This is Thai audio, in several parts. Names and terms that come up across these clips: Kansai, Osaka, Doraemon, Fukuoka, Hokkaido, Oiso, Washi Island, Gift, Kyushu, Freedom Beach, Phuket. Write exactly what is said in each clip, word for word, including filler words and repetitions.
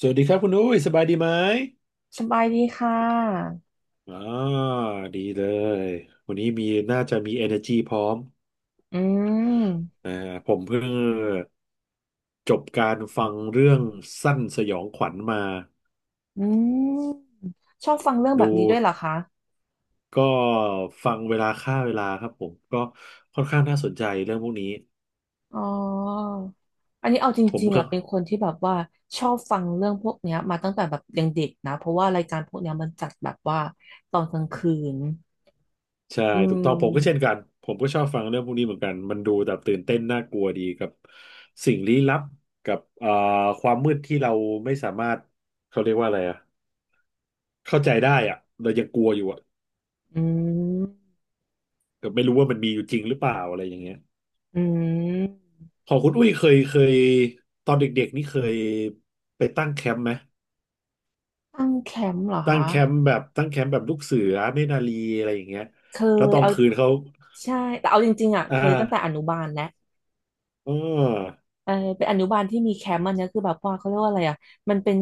สวัสดีครับคุณอุ้ยสบายดีไหมสบายดีค่ะอ่าดีเลย วันนี้มีน่าจะมี energy พร้อมอืมอ่าผมเพิ่งจบการฟังเรื่องสั้นสยองขวัญมาอืมชอบฟังเรื่องแบดู บนี้ด้วยเหรอคะก็ฟังเวลาฆ่าเวลาครับผม ก็ค่อนข้างน่าสนใจเรื่องพวกนี้ อ๋ออันนี้เอาจผมริงๆก็อ่ะเป็นคนที่แบบว่าชอบฟังเรื่องพวกเนี้ยมาตั้งแต่แบบยังเด็กนะเพราะว่ารายการพวกเนี้ยมันจัดแบบว่าตอนกลางคืนใช่อืถูกต้องผมก็เช่มนกันผมก็ชอบฟังเรื่องพวกนี้เหมือนกันมันดูแบบตื่นเต้นน่ากลัวดีกับสิ่งลี้ลับกับเอ่อความมืดที่เราไม่สามารถเขาเรียกว่าอะไรอะ เข้าใจได้อ่ะเรายังกลัวอยู่อ่ะอืมแต่ไม่รู้ว่ามันมีอยู่จริงหรือเปล่าอะไรอย่างเงี้ยอืมพอคุณอุ้ยเคยเคยตอนเด็กๆนี่เคยไปตั้งแคมป์ไหม ตั้งแคมป์เหรอตั้งคะแคมป์แบบตั้งแคมป์แบบลูกเสือเนตรนารีอะไรอย่างเงี้ยเคแล้วยตอนเอาคืนเขาใช่แต่เอาจริงๆอ่ะอ่าเคยตั้งแต่อนุบาลแล้ว อ๋อเออเป็นอนุบาลที่มีแคมป์อันเนี้ยคือแบบว่าเขาเรียกว่าอะไรอ่ะมันเป็น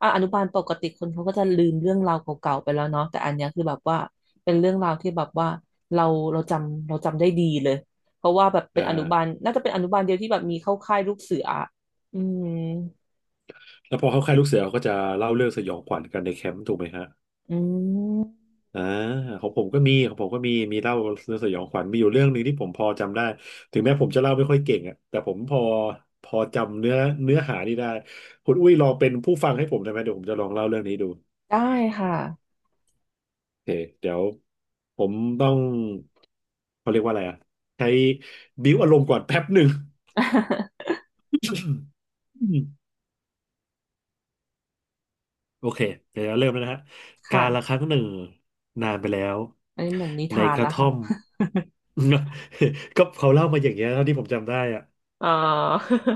อ่ะอนุบาลปกติคนเขาก็จะลืมเรื่องราวเก่าๆไปแล้วเนาะแต่อันเนี้ยคือแบบว่าเป็นเรื่องราวที่แบบว่าเราเราจำเราจำได้ดีเลยเพราะว่าแบบเป็อ่นอนุบาลาน่าจะเป็นอนุบาลเดียวที่แบบมีเข้าค่ายลูกเสืออะอืมแล้วพอเขาค่ายลูกเสือเขาก็จะเล่าเรื่องสยองขวัญกันในแคมป์ถูกไหมฮะ อืมอ่าของผมก็มีของผมก็มีมีเล่าเรื่องสยองขวัญมีอยู่เรื่องหนึ่งที่ผมพอจำได้ถึงแม้ผมจะเล่าไม่ค่อยเก่งอ่ะแต่ผมพอพอจำเนื้อเนื้อหานี่ได้คุณอุ้ยลองเป็นผู้ฟังให้ผมได้ไหมเดี๋ยวผมจะลองเล่าเรื่องนี้ดูได้ค่ะ โอเคเดี๋ยวผมต้องเขาเรียกว่าอะไรอ่ะใช้บิ้วอารมณ์ก่อนแป๊บหนึ่ง โอเคเดี๋ยวเราเริ่มแล้วนะฮะการละคค่ะรั้งหนึ่งนานไปแล้วอันนี้เหมือนนิในทานกระนะท่อคะม ก็เขาเล่ามาอย่างเงี้ยเท่าที่ผมจำได้อะ อ๋อ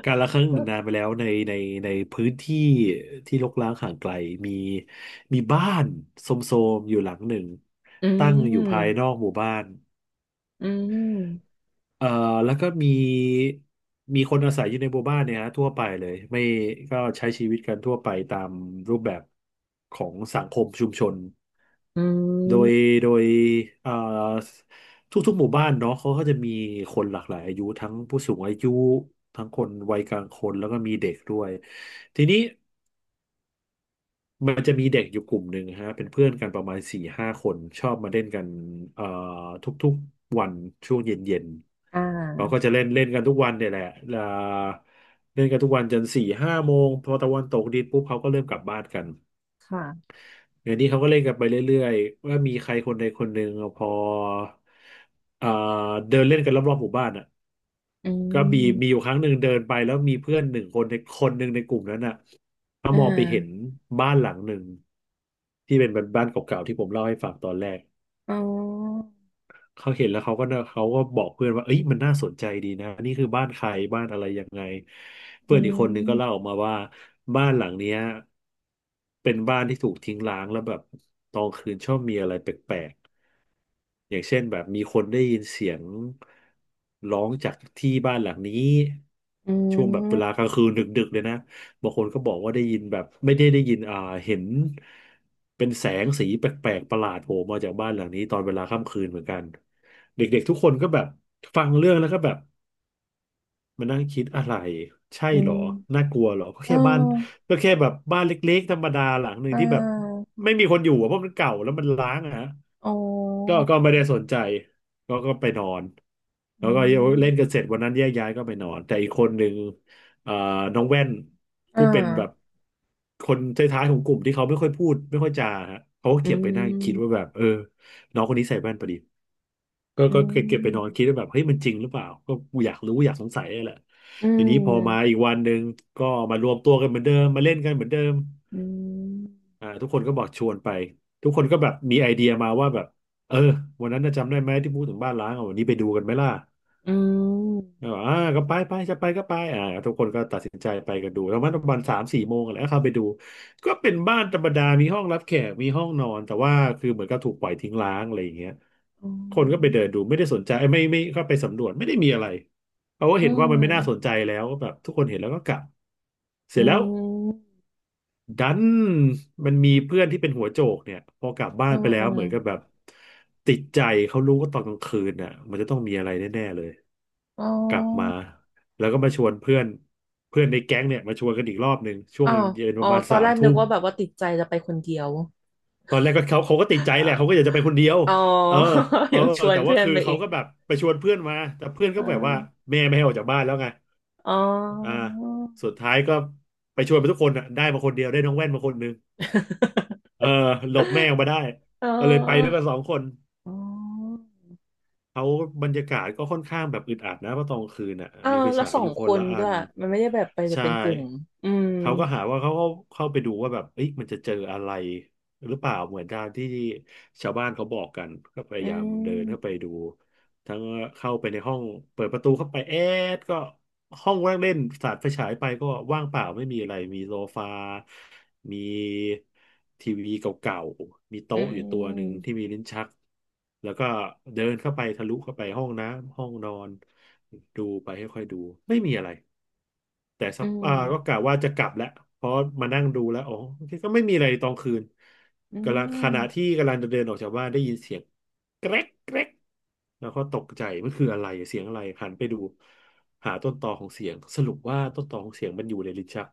การละครั้งหนึ่งนานไปแล้วในในในพื้นที่ที่รกร้างห่างไกลมีมีบ้านโทรมๆอยู่หลังหนึ่ง อืตั้งอมยู่ภายนอกหมู่บ้าน อืมเอ่อแล้วก็มีมีคนอาศัยอยู่ในหมู่บ้านเนี่ยฮะทั่วไปเลยไม่ก็ใช้ชีวิตกันทั่วไปตามรูปแบบของสังคมชุมชนอืโดยมโดยเอ่อทุกๆหมู่บ้านเนาะเขาก็จะมีคนหลากหลายอายุทั้งผู้สูงอายุทั้งคนวัยกลางคนแล้วก็มีเด็กด้วยทีนี้มันจะมีเด็กอยู่กลุ่มหนึ่งฮะเป็นเพื่อนกันประมาณสี่ห้าคนชอบมาเล่นกันเอ่อทุกๆ ช่วงเย็นอ่ๆ เขาก็าจะเล่นเล่นกันทุกวันเนี่ยแหละเอ่อเล่นกันทุกวันจนสี่ห้าโมงพอตะวันตกดินปุ๊บเขาก็เริ่มกลับบ้านกันค่ะอย่างนี้เขาก็เล่นกันไปเรื่อยๆว่ามีใครคนใดคนหนึ่งพอเอ่อเดินเล่นกันรอบๆหมู่บ้านอ่ะอืก็มีมีอม ยู่ครั้งหนึ่งเดินไปแล้วมีเพื่อนหนึ่งคนในคนหนึ่งในกลุ่มนั้นอ่ะเขาอ่มองไปเห็นาบ้านหลังหนึ่งที่เป็นบ้านเก่าๆที่ผมเล่าให้ฟังตอนแรก อ๋อเขาเห็นแล้วเขาก็เขาก็บอกเพื่อนว่าเอ้ยมันน่าสนใจดีนะนี่คือบ้านใครบ้านอะไรยังไงเพื่อือนอีกคนหนึ่งก็เล่ามออกมาว่าบ้านหลังเนี้ยเป็นบ้านที่ถูกทิ้งร้างแล้วแบบตอนคืนชอบมีอะไรแปลก อย่างเช่นแบบมีคนได้ยินเสียงร้องจากที่บ้านหลังนี้อืช่วงแบบเวลามกลางคืนดึกๆเลยนะบางคนก็บอกว่าได้ยินแบบไม่ได้ได้ยินอ่าเห็นเป็นแสงสีแปลกๆประหลาดโผล่มาจากบ้านหลังนี้ตอนเวลาค่ำคืนเหมือนกันเด็กๆทุกคนก็แบบฟังเรื่องแล้วก็แบบมานั่งคิดอะไรใช่อืเหรอน่ามกลัวเหรอก็เอแค่บ้านอก็แค่แบบบ้านเล็กๆธรรมดาหลังหนึ่งอ่ที่แบบาไม่มีคนอยู่อะเพราะมันเก่าแล้วมันร้างอะฮะ อ๋อก็ก็ไม่ได้สนใจก็ก็ไปนอนแล้อืวก็เล่นกัมนเสร็จวันนั้นแยกย้ายก็ไปนอนแต่อีกคนหนึ่งเอ่อน้องแว่นอ่าผู้เป็นแบบคนท้ายๆของกลุ่มที่เขาไม่ค่อยพูดไม่ค่อยจาฮะเขาก็อืเก็บไปนั่งคิดว่ามแบบเออน้องคนนี้ใส่แว่นพอดีก็อืก็เก็บไปนอนมคิดว่าแบบเฮ้ยมันจริงหรือเปล่าก็กูอยากรู้อยากสงสัยนี่แหละอืทีนี้พอมามอีกวันหนึ่งก็มารวมตัวกันเหมือนเดิมมาเล่นกันเหมือนเดิม อืมอ่าทุกคนก็บอกชวนไปทุกคนก็แบบมีไอเดียมาว่าแบบเออวันนั้นน่ะจำได้ไหมที่พูดถึงบ้านล้างอ่ะวันนี้ไปดูกันไหมล่ะอืมก็บอกอ่าก็ไปไปจะไปก็ไปอ่าทุกคนก็ตัดสินใจไปกันดูแล้วมันประมาณสามสี่โมงอะไรก็เข้าไปดูก็เป็นบ้านธรรมดามีห้องรับแขกมีห้องนอนแต่ว่าคือเหมือนกับถูกปล่อยทิ้งร้างอะไรอย่างเงี้ยอืคนก็ไปเดินมดูไม่ได้สนใจเอ้ยไม่ไม่เข้าไปสำรวจไม่ได้มีอะไรเพราะว่าอืเห็นว่ามมันไม่น่าสนใจแล้วก็แบบทุกคนเห็นแล้วก็กลับเสอืร็จแล้ว มดันมันมีเพื่อนที่เป็นหัวโจกเนี่ยพอกลับบ้าอืนไปมแล้อืวมเหมือนกับแบบติดใจเขารู้ว่าตอนกลางคืนน่ะมันจะต้องมีอะไรแน่ๆเลยอ๋อกลับมาแล้วก็มาชวนเพื่อนเพื่อนในแก๊งเนี่ยมาชวนกันอีกรอบหนึ่งช่วอ๋งอเย็นปอ๋อระมาณตอสานแรมกนึทุ่กมว่าแบบว่าติดใจจะไปคนเดียวตอนแรกก็เขาเขาก็ติดใจเอ่อแหละเขาก็อยากจะไปคนเดียวอ๋อ เออเอ อยังชวนแต่ว่าเพื่อนคือไปเขาอีกก็แบบไปชวนเพื่อนมาแต่เพื่อนเอก็อแบบว่าแม่ไม่ให้ออกจากบ้านแล้วไงอ๋อ่าอ สุดท้ายก็ไปชวนไปทุกคนอ่ะได้มาคนเดียวได้น้องแว่นมาคนหนึง เออหลบแม่ออกมาได้เก็เลยไปด้วยออกันสองคนอ๋ออเขาบรรยากาศก็ค่อนข้างแบบอึดอัดนะเพราะตอนกลางคืนน่ะออมีไฟแล้วฉายสอองยู่คคนนละอัด้วยนมันไม่ได้แบบไปแบบใช่เป็นกลุ่มอืมเขาก็หาว่าเขาเข้าเข้าไปดูว่าแบบเอ๊ะมันจะเจออะไรหรือเปล่าเหมือนตามที่ชาวบ้านเขาบอกกันก็พอืยายามเดินเข้าไปมดู ทั้งเข้าไปในห้องเปิดประตูเข้าไปแอดก็ห้องว่างเล่นสาดไฟฉายไปก็ว่างเปล่าไม่มีอะไรมีโซฟามีทีวีเก่าๆมีอืโต๊ะอยู่ตัวหนึ่งมที่มีลิ้นชักแล้วก็เดินเข้าไปทะลุเข้าไปห้องน้ำห้องนอนดูไปค่อยๆดูไม่มีอะไรแต่สัอืกอ่าก็กะมว่าจะกลับแล้วเพราะมานั่งดูแล้วอ๋อก็ไม่มีอะไรตอนคืนอืกำลังขมณะที่กำลังจะเดินออกจากบ้านได้ยินเสียงแกรกแกรก แล้วก็ตกใจมันคืออะไรเสียงอะไรหันไปดูหาต้นตอของเสียงสรุปว่าต้นตอของเสียงมันอยู่ในลิ้นชัก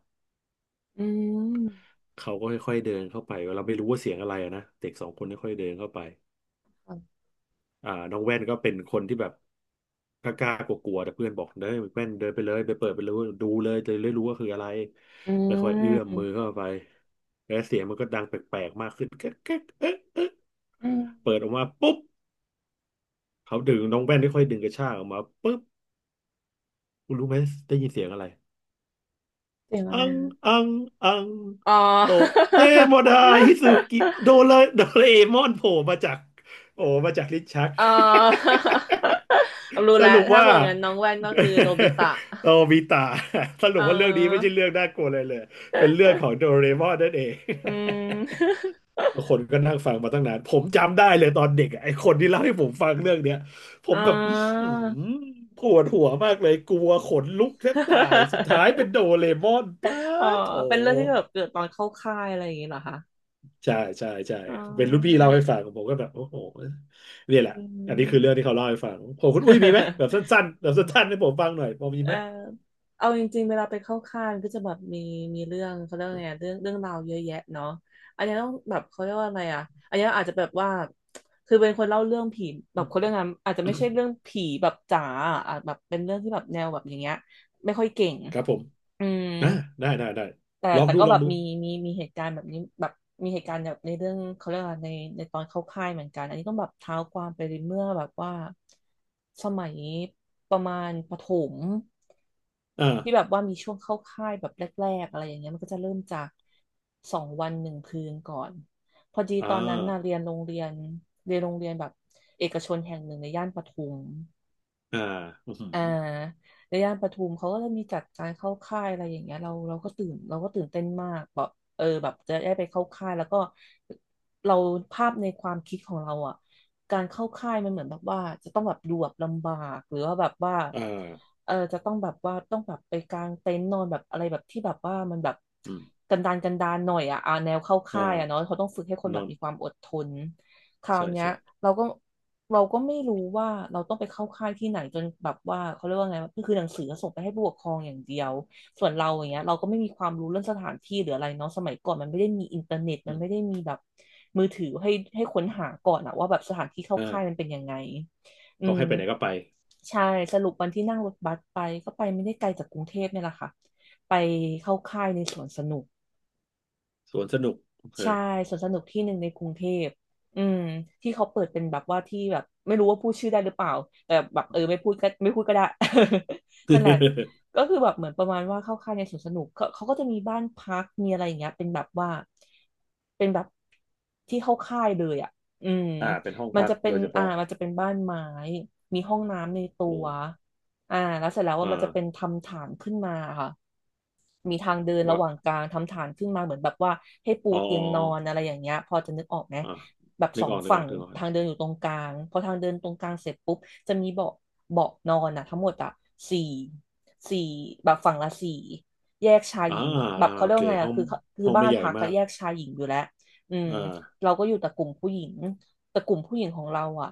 อืมเขาก็ค่อยๆเดินเข้าไปเราไม่รู้ว่าเสียงอะไรอะนะเด็กสองคนค่อยๆเดินเข้าไปค่ะอ่าน้องแว่นก็เป็นคนที่แบบกล้ากลัวๆแต่เพื่อนบอกเด้ยแว่นเดินไปเลยไปเปิดไปเลยดูเลยจะได้รู้ว่าคืออะไรอืค่อยๆเอื้มอมมือเข้าไปแล้วเสียงมันก็ดังแปลกๆมากขึ้นแก๊กแก๊กเอ๊ะเอ๊ะอืมเปิดออกมาปุ๊บเขาดึงน้องแว่นค่อยๆดึงกระชากออกมาปุ๊บคุณรู้ไหมได้ยินเสียงอะไร เสียงอะอัไรงอ่ะอังอังอ๋อ โตะเตโมดาฮิซุกิโด เลโดเรมอนโผล่มาจากโอ้มาจากลิ้นชัก เออรู้ สแล้วรุปถ้าว่า เหมือนกันน้องแว่นก็คือโนบิตะ โตบิตะสรุเปว่าเรื่องนี้ไม่ออใช่เรื่องน่ากลัวเลยเลยเป็นเรื่องของโดเรมอนนั่นเอง อืม คนก็นั่งฟังมาตั้งนานผมจำได้เลยตอนเด็กอะไอ้คนที่เล่าให้ผมฟังเรื่องเนี้ยผ อ๋มแบบอื้ออ หือปวดหัวมากเลยกลัวขนลุกแทบตายสุดท้ายเป็นโดเรมอนป้าเออดโถเป็นเรื่องที่แบบเกิดตอนเข้าค่ายอะไรอย่างเงี้ยเหรอคะใช่ใช่ใช่อ๋อเป็นรุ่นพี่เล่าให้ฟังผมก็แบบโอ้โหเนี่ยแหละอือันนี้ม คือเรื่องที่เขาเล่าให้ฟังผมคุณอุ้ย มีไหมแบบสั้นๆแบบสั้นๆให้ผมฟังหน่อยพอมีเอไหอมเอาจริงๆเวลาไปเข้าค่ายมันก็จะแบบมีมีเรื่องเขาเรียกว่าไงเรื่องเรื่องราวเยอะแยะเนาะอันนี้ต้องแบบเขาเรียกว่าอะไรอ่ะอันนี้อาจจะแบบว่าคือเป็นคนเล่าเรื่องผีแบอืบเขาเรื่องมงานอะอาจจะไม่ใช่เรื่องผีแบบจ๋าอะอาจแบบเป็นเรื่องที่แบบแนวแบบอย่างเงี้ยไม่ค่อยเก่งครับผมอืม อ่าได้ได้ได้แต่ลองแต่ดูก็ลอแบงบดูมีมีมีเหตุการณ์แบบนี้แบบมีเหตุการณ์แบบในเรื่องเขาเรียกว่าในในตอนเข้าค่ายเหมือนกันอันนี้ต้องแบบเท้าความไปเมื่อแบบว่าสมัยประมาณประถมอ่าที่แบบว่ามีช่วงเข้าค่ายแบบแรกๆอะไรอย่างเงี้ยมันก็จะเริ่มจากสองวันหนึ่งคืนก่อนพอดีอ่าตอนนั้นน่ะเรียนโรงเรียนเรียนโรงเรียนแบบเอกชนแห่งหนึ่งในย่านปทุม อ่าอืมออ่าหือในย่านปทุมเขาก็จะมีจัดการเข้าค่ายอะไรอย่างเงี้ยเราเราก็ตื่นเราก็ตื่นเต้นมากแบบเออแบบจะได้ไปเข้าค่ายแล้วก็เราภาพในความคิดของเราอ่ะการเข้าค่ายมันเหมือนแบบว่าจะต้องแบบดูแบบลำบากหรือว่าแบบว่าอ่าเออจะต้องแบบว่าต้องแบบไปกางเต็นท์นอนแบบอะไรแบบที่แบบว่ามันแบบอืมกันดารกันดารหน่อยอ่ะอ่าแนวเข้าอค่ายอ่ะเนาะ่าเขาต้องฝึกให้คนนแบบอน มีความอดทนคราวใช่เนี้ยใช่เราก็ เราก็ไม่รู้ว่าเราต้องไปเข้าค่ายที่ไหนจนแบบว่าเขาเรียกว่าไงก็คือหนังสือส่งไปให้ผู้ปกครองอย่างเดียวส่วนเราอย่างเงี้ยเราก็ไม่มีความรู้เรื่องสถานที่หรืออะไรเนาะสมัยก่อนมันไม่ได้มีอินเทอร์เน็ตอืมันมไม่ได้มีแบบมือถือให้ให้ค้นหาก่อนอะว่าแบบสถานที่เข้าค่ายมันอ่าเป็นยังไงอืเขามให้ไปไหนก็ไปใช่สรุปวันที่นั่งรถบัสไปก็ไปไม่ได้ไกลจากกรุงเทพเนี่ยแหละค่ะไปเข้าค่ายในสวนสนุก สวนสนุกเอใช่อ สวนสนุกที่หนึ่งในกรุงเทพอืมที่เขาเปิดเป็นแบบว่าที่แบบไม่รู้ว่าพูดชื่อได้หรือเปล่าแต่แบบเออไม่พูดก็ไม่พูดก็ได้ นั่นแหละ ก็คือแบบเหมือนประมาณว่าเข้าค่ายในสวนสนุกเขาเขาก็จะมีบ้านพักมีอะไรอย่างเงี้ยเป็นแบบว่าเป็นแบบที่เข้าค่ายเลยอ่ะอืมอ่าเป็นห้องมันพักจะเป็โดนยเฉอ่าพาะมันจะเป็นบ้านไม้มีห้องน้ำในตัโอ้วอ่าแล้วเสร็จแล้วว่าอ่ามันจะเป็นทำฐานขึ้นมาค่ะ มีทางเดินระว่าหว่างกลางทำฐานขึ้นมาเหมือนแบบว่าให้ปูอ๋อเตียงนอนอะไรอย่างเงี้ยพอจะนึกออกไหมอ๋ออ๋ออแบบ่านึสกอองอกนึกอฝั่อกงนึกออทางกเดินอยู่ตรงกลางพอทางเดินตรงกลางเสร็จปุ๊บจะมีเบาะเบาะนอนอะทั้งหมดอะสี่สี่แบบฝั่งละสี่แยกชายอ่าหญิงแบบอ่าเขาโอเรียกเคว่าไงห้ออะงคือคือห้องบ้าไม่นใหญ่พักก็มากแยกชายหญิงอยู่แล้วอืมอ่าเราก็อยู่แต่กลุ่มผู้หญิง แต่กลุ่มผู้หญิงของเราอ่ะ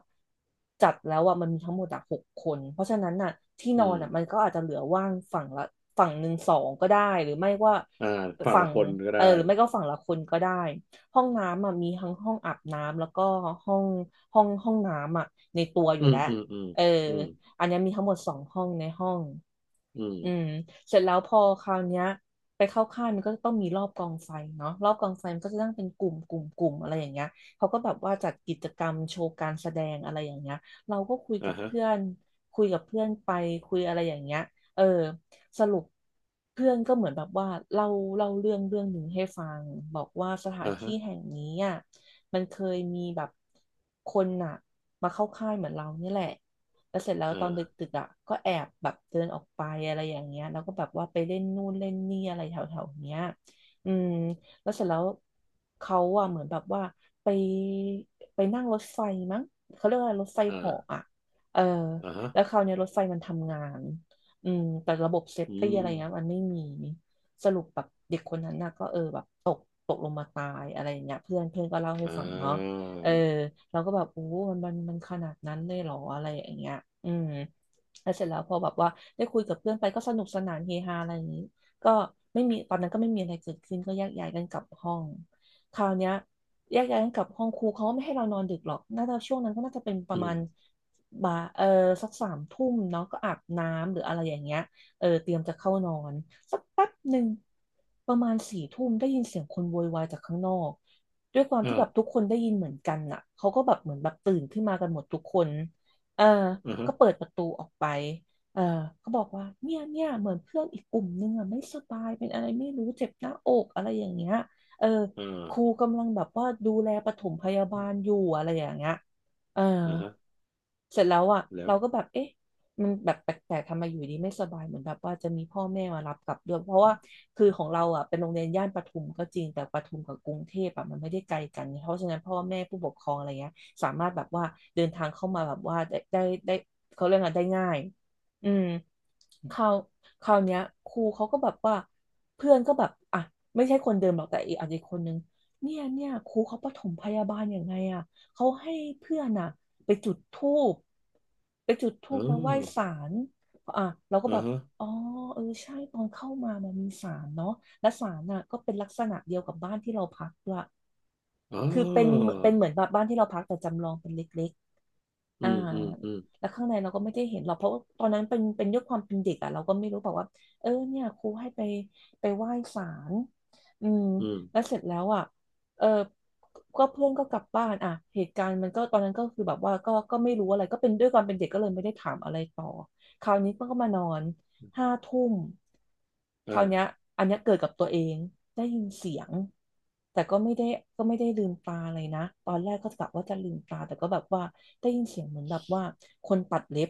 จัดแล้วอ่ะมันมีทั้งหมดอ่ะหกคนเพราะฉะนั้นน่ะที่นอือนอ่ะมันมก็อาจจะเหลือว่างฝั่งละฝั่งหนึ่งสองก็ได้หรือไม่ว่าอ่าฝั่งฝั่ละงคนก็เอได้อหรือไม่ก็ฝั่งละคนก็ได้ห้องน้ำอ่ะมีทั้งห้องอาบน้ำแล้วก็ห้องห้องห้องน้ำอ่ะในตัวออืยู่มแล้วอืมอืมเอออืมอันเนี้ยมีทั้งหมดสองห้องในห้องอือืมมเสร็จแล้วพอคราวเนี้ยไปเข้าค่ายมันก็ต้องมีรอบกองไฟเนาะรอบกองไฟมันก็จะตั้งเป็นกลุ่มกลุ่มกลุ่มอะไรอย่างเงี้ย เขาก็แบบว่าจัดกิจกรรมโชว์การแสดงอะไรอย่างเงี้ยเราก็คุยกัอ่าบฮะเพื่อนคุยกับเพื่อนไปคุยอะไรอย่างเงี้ยเออสรุปเพื่อนก็เหมือนแบบว่าเล่าเล่าเรื่องเรื่องหนึ่งให้ฟังบอกว่าสถานอ่าฮะที่แห่งนี้อ่ะมันเคยมีแบบคนอ่ะมาเข้าค่ายเหมือนเรานี่แหละแล้วเสร็จแล้วอตอนด่าึกๆอ่ะก็แอบแบบเดินออกไปอะไรอย่างเงี้ยแล้วก็แบบว่าไปเล่นนู่นเล่นนี่อะไรแถวๆเนี้ยอืม แล้วเสร็จแล้วเขาอะเหมือนแบบว่าไปไปนั่งรถไฟมั้งเขาเรียกว่าอะไรรถไฟเหาะอ่าอะเอออ่าฮะแล้วคราวเนี้ยรถไฟมันทำงานอืมแต่ระบบเซฟอืตี้อะไรเงี้ยมัมนไม่มีสรุปแบบเด็กคนนั้นน่ะก็เออแบบตกตกลงมาตายอะไรอย่างเงี้ยเพื่อนเพื่อนก็เล่าให้อ่ฟังเนาะาเออเราก็แบบโอ้มันมันมันขนาดนั้นเลยเหรออะไรอย่างเงี้ยอืมแล้วเสร็จแล้วพอแบบว่าได้คุยกับเพื่อนไปก็สนุกสนานเฮฮาอะไรอย่างนี้ ก็ไม่มีตอนนั้นก็ไม่มีอะไรเกิดขึ้นก็แยกย้ายกันกลับห้องคราวเนี้ยแยกย้ายกันกลับห้องครูเขาก็ไม่ให้เรานอนดึกหรอกน่าจะช่วงนั้นก็น่าจะเป็นประอืมามณบ่ายเออสักสามทุ่มเนาะก็อาบน้ำหรืออะไรอย่างเงี้ยเออเตรียมจะเข้านอนสักแป๊บหนึ่งประมาณสี่ทุ่มได้ยินเสียงคนโวยวายจากข้างนอกด้วยความที่แบอ่าบทุกคนได้ยินเหมือนกันน่ะเขาก็แบบเหมือนแบบตื่นขึ้นมากันหมดทุกคนเอออ่าฮะก็เปิดประตูออกไป เออเขาบอกว่าเนี่ยเนี่ยเหมือนเพื่อนอีกกลุ่มนึงอ่ะไม่สบายเป็นอะไรไม่รู้เจ็บหน้าอกอะไรอย่างเงี้ย เอออ่ครูากำลังแบบว่าดูแลปฐมพยาบาลอยู่อะไรอย่างเงี้ยเออ อ่าฮะเสร็จแล้วอ่ะแล้วเราก็แบบเอ๊ะมันแบบแปลกๆทำไมอยู่ดีไม่สบายเหมือนแบบว่าจะมีพ่อแม่มารับกลับด้วยเพราะว่าคือของเราอ่ะเป็นโรงเรียนย่านปทุมก็จริงแต่ปทุมกับกรุงเทพอ่ะมันไม่ได้ไกลกันเพราะฉะนั้นพ่อแม่ผู้ปกครองอะไรเงี้ยสามารถแบบว่าเดินทางเข้ามาแบบว่าได้ได้ได้เขาเรียกอะไรได้ง่ายอืมคราวคราวเนี้ยครูเขาก็แบบว่าเพื่อนก็แบบอ่ะไม่ใช่คนเดิมหรอกแต่อีกอาจจะอีกคนนึงเนี่ยเนี่ยครูเขาปฐมพยาบาลยังไงอะ เขาให้เพื่อนอะไปจุดธูปไปจุดธูเอปแล้วไหว้อศาลอ่ะเราก็อ่าแบบ ฮะ อ๋อเออใช่ตอนเข้ามามันมีศาลเนาะและศาลน่ะก็เป็นลักษณะเดียวกับบ้านที่เราพักด้วยอ๋อคือเป็นเป็นเหมือนแบบบ้านที่เราพักแต่จำลองเป็นเล็ก อือ่ามอืมอืมแล้วข้างในเราก็ไม่ได้เห็นหรอกเพราะว่าตอนนั้นเป็นเป็นด้วยความเป็นเด็กอ่ะเราก็ไม่รู้บอกว่าเออเนี่ยครูให้ไปไปไหว้ศาลอืมอืมแล้วเสร็จแล้วอ่ะเออก็เพื่อนก็กลับบ้านอ่ะเหตุการณ์มันก็ตอนนั้นก็คือแบบว่าก็ก็ไม่รู้อะไรก็เป็นด้วยความเป็นเด็กก็เลยไม่ได้ถามอะไรต่อคราวนี้เพื่อนก็มานอน ห้าทุ่มคราวเนี้ยอ่าอันเนี้ยเกิดกับตัวเองได้ยินเสียงแต่ก็ไม่ได้ก็ไม่ได้ลืมตาเลยนะตอนแรกก็กะว่าจะลืมตาแต่ก็แบบว่าได้ยินเสียงเหมือนแบบว่าคนตัดเล็บ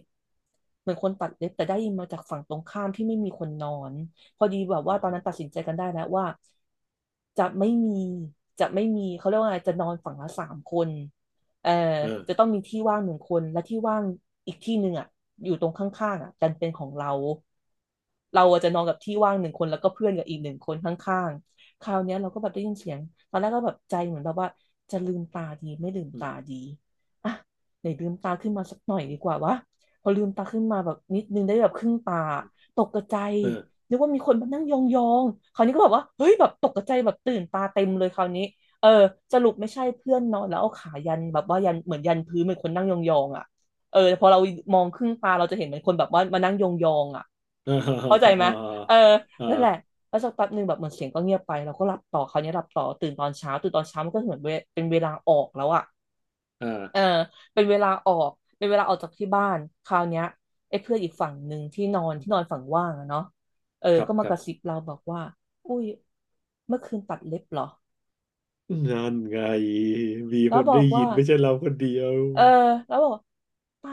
เหมือนคนตัดเล็บแต่ได้ยินมาจากฝั่งตรงข้ามที่ไม่มีคนนอนพอดีแบบอืว่าตอนนั้นตัดมสินใจกันได้แล้วว่าจะไม่มีจะไม่มีเขาเรียกว่าอะไรจะนอนฝั่งละสามคน เออเออจะต้องมีที่ว่างหนึ่งคนและที่ว่างอีกที่หนึ่งอ่ะอยู่ตรงข้างๆอ่ะดันเป็นของเราเราอะจะนอนกับที่ว่างหนึ่งคนแล้วก็เพื่อนกับอีกหนึ่งคนข้างๆคราวเนี้ยเราก็แบบได้ยินเสียงตอนแรกก็แบบใจเหมือนเราว่าจะลืมตาดีไม่ลืมอืมตาดีอ่ะไหนลืมตาขึ้นมาสักหน่อยอืดีมกอืว่ามวะพอลืมตาขึ้นมาแบบนิดนึงได้แบบครึ่งตาตกกระใจเอนึกว่ามีคนมานั่งยองๆคราวนี้ก็แบบว่าเฮ้ยแบบตกกระใจแบบตื่นตาเต็มเลยคราวนี้ เออสรุปไม่ใช่เพื่อนนอนแล้วเอาขายันแบบว่ายันเหมือนยันพื้นเหมือนคนนั่งยองๆอ่ะเออแต่พอเรามองครึ่งตาเราจะเห็นเหมือนคนแบบว่ามานั่งยองๆอ่ะาอ่าอ่เข้าใจไหมาเอออ่านั่นแหละแล้วสักแป๊บหนึ่งแบบเหมือนเสียงก็เงียบไปเราก็หลับต่อคราวนี้หลับต่อตื่นตอนเช้าตื่นตอนเช้ามันก็เหมือนเวเป็นเวลาออกแล้วอ่ะอ่เออาเป็นเวลาออกเป็นเวลาออกจากที่บ้านคราวเนี้ยไอ้เพื่อนอีกฝั่งหนึ่งที่นอนที่นอนฝั่งว่างอะเนาะเออครับก็มาคกรับระซิบเราบอกว่าอุ้ยเมื่อคืนตัดเล็บเหรอนั่นไงมีคแล้วนบอได้กยิว่า นไม่ใช่เราคนเดียวเออแล้วบอกว่าเปล่า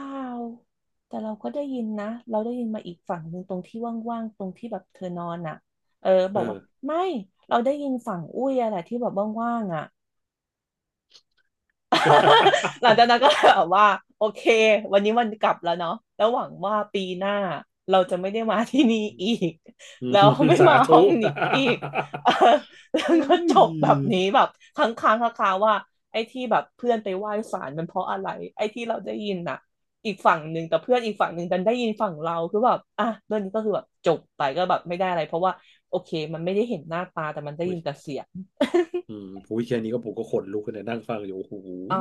แต่เราก็ได้ยินนะเราได้ยินมาอีกฝั่งหนึ่งตรงที่ว่างๆตรงที่แบบเธอนอนอ่ะเออบเออกอ ว่าไม่เราได้ยินฝั่งอุ้ยอะแหละที่แบบว่างๆอ่ะ หลังจา กนั้นก็แบบว่าโอเควันนี้วันกลับแล้วเนาะแล้วหวังว่าปีหน้าเราจะไม่ได้มาที่นี่อีก อืมแล้วไม่สามาธุ ห้องนี้อีก เออแล้ วโอ้ก็จยบแบบนี้แบบค้างค้างคาๆว่าไอ้ที่แบบเพื่อนไปไหว้ศาลมันเพราะอะไรไอ้ที่เราได้ยินน่ะอีกฝั่งหนึ่งแต่เพื่อนอีกฝั่งหนึ่งดันได้ยินฝั่งเราคือแบบอ่ะเรื่องนี้ก็คือแบบจบไปก็แบบไม่ได้อะไรเพราะว่าโอเคมันไม่ได้เห็นหน้าตาแต่มันได้โอ้ยิย นแต่เสียง อืมพูดแค่นี้ก็ผมก็ขนลุกเลยนั่งฟังอยู่โอ้โห อ๋อ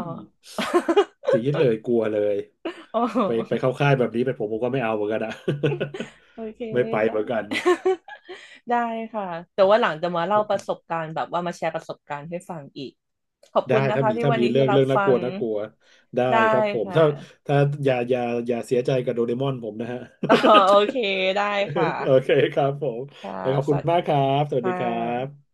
สี ดเลยกลัวเลยอ๋ไปไปอ เข้าค่ายแบบนี้ไปผมผมก็ไม่เอาเหมือนกันอะ โอเค ไม่ไปได้ เหมือนกัน ได้ค่ะแต่ว่าหลังจะมาโอเล่าประสบเคการณ์แบบว่ามาแชร์ประสบการณ์ให้ฟังอีกขอบได้คุณนะถ้าคะมีที่ถ้าวันมีนี้เรื่ที่องรับเรื่องน่าฟักงลัวน่ากลัวได้ได้ครับผมค่ะ ถ้าถ้าอย่าอย่าอย่าเสียใจกับโดเรมอนผมนะฮะ อ๋อโอเคได้ค โอเค่ะครับผมค่ะแล้วขอบสคุณวัสมาดีกครับสวัสดีค่ะครับ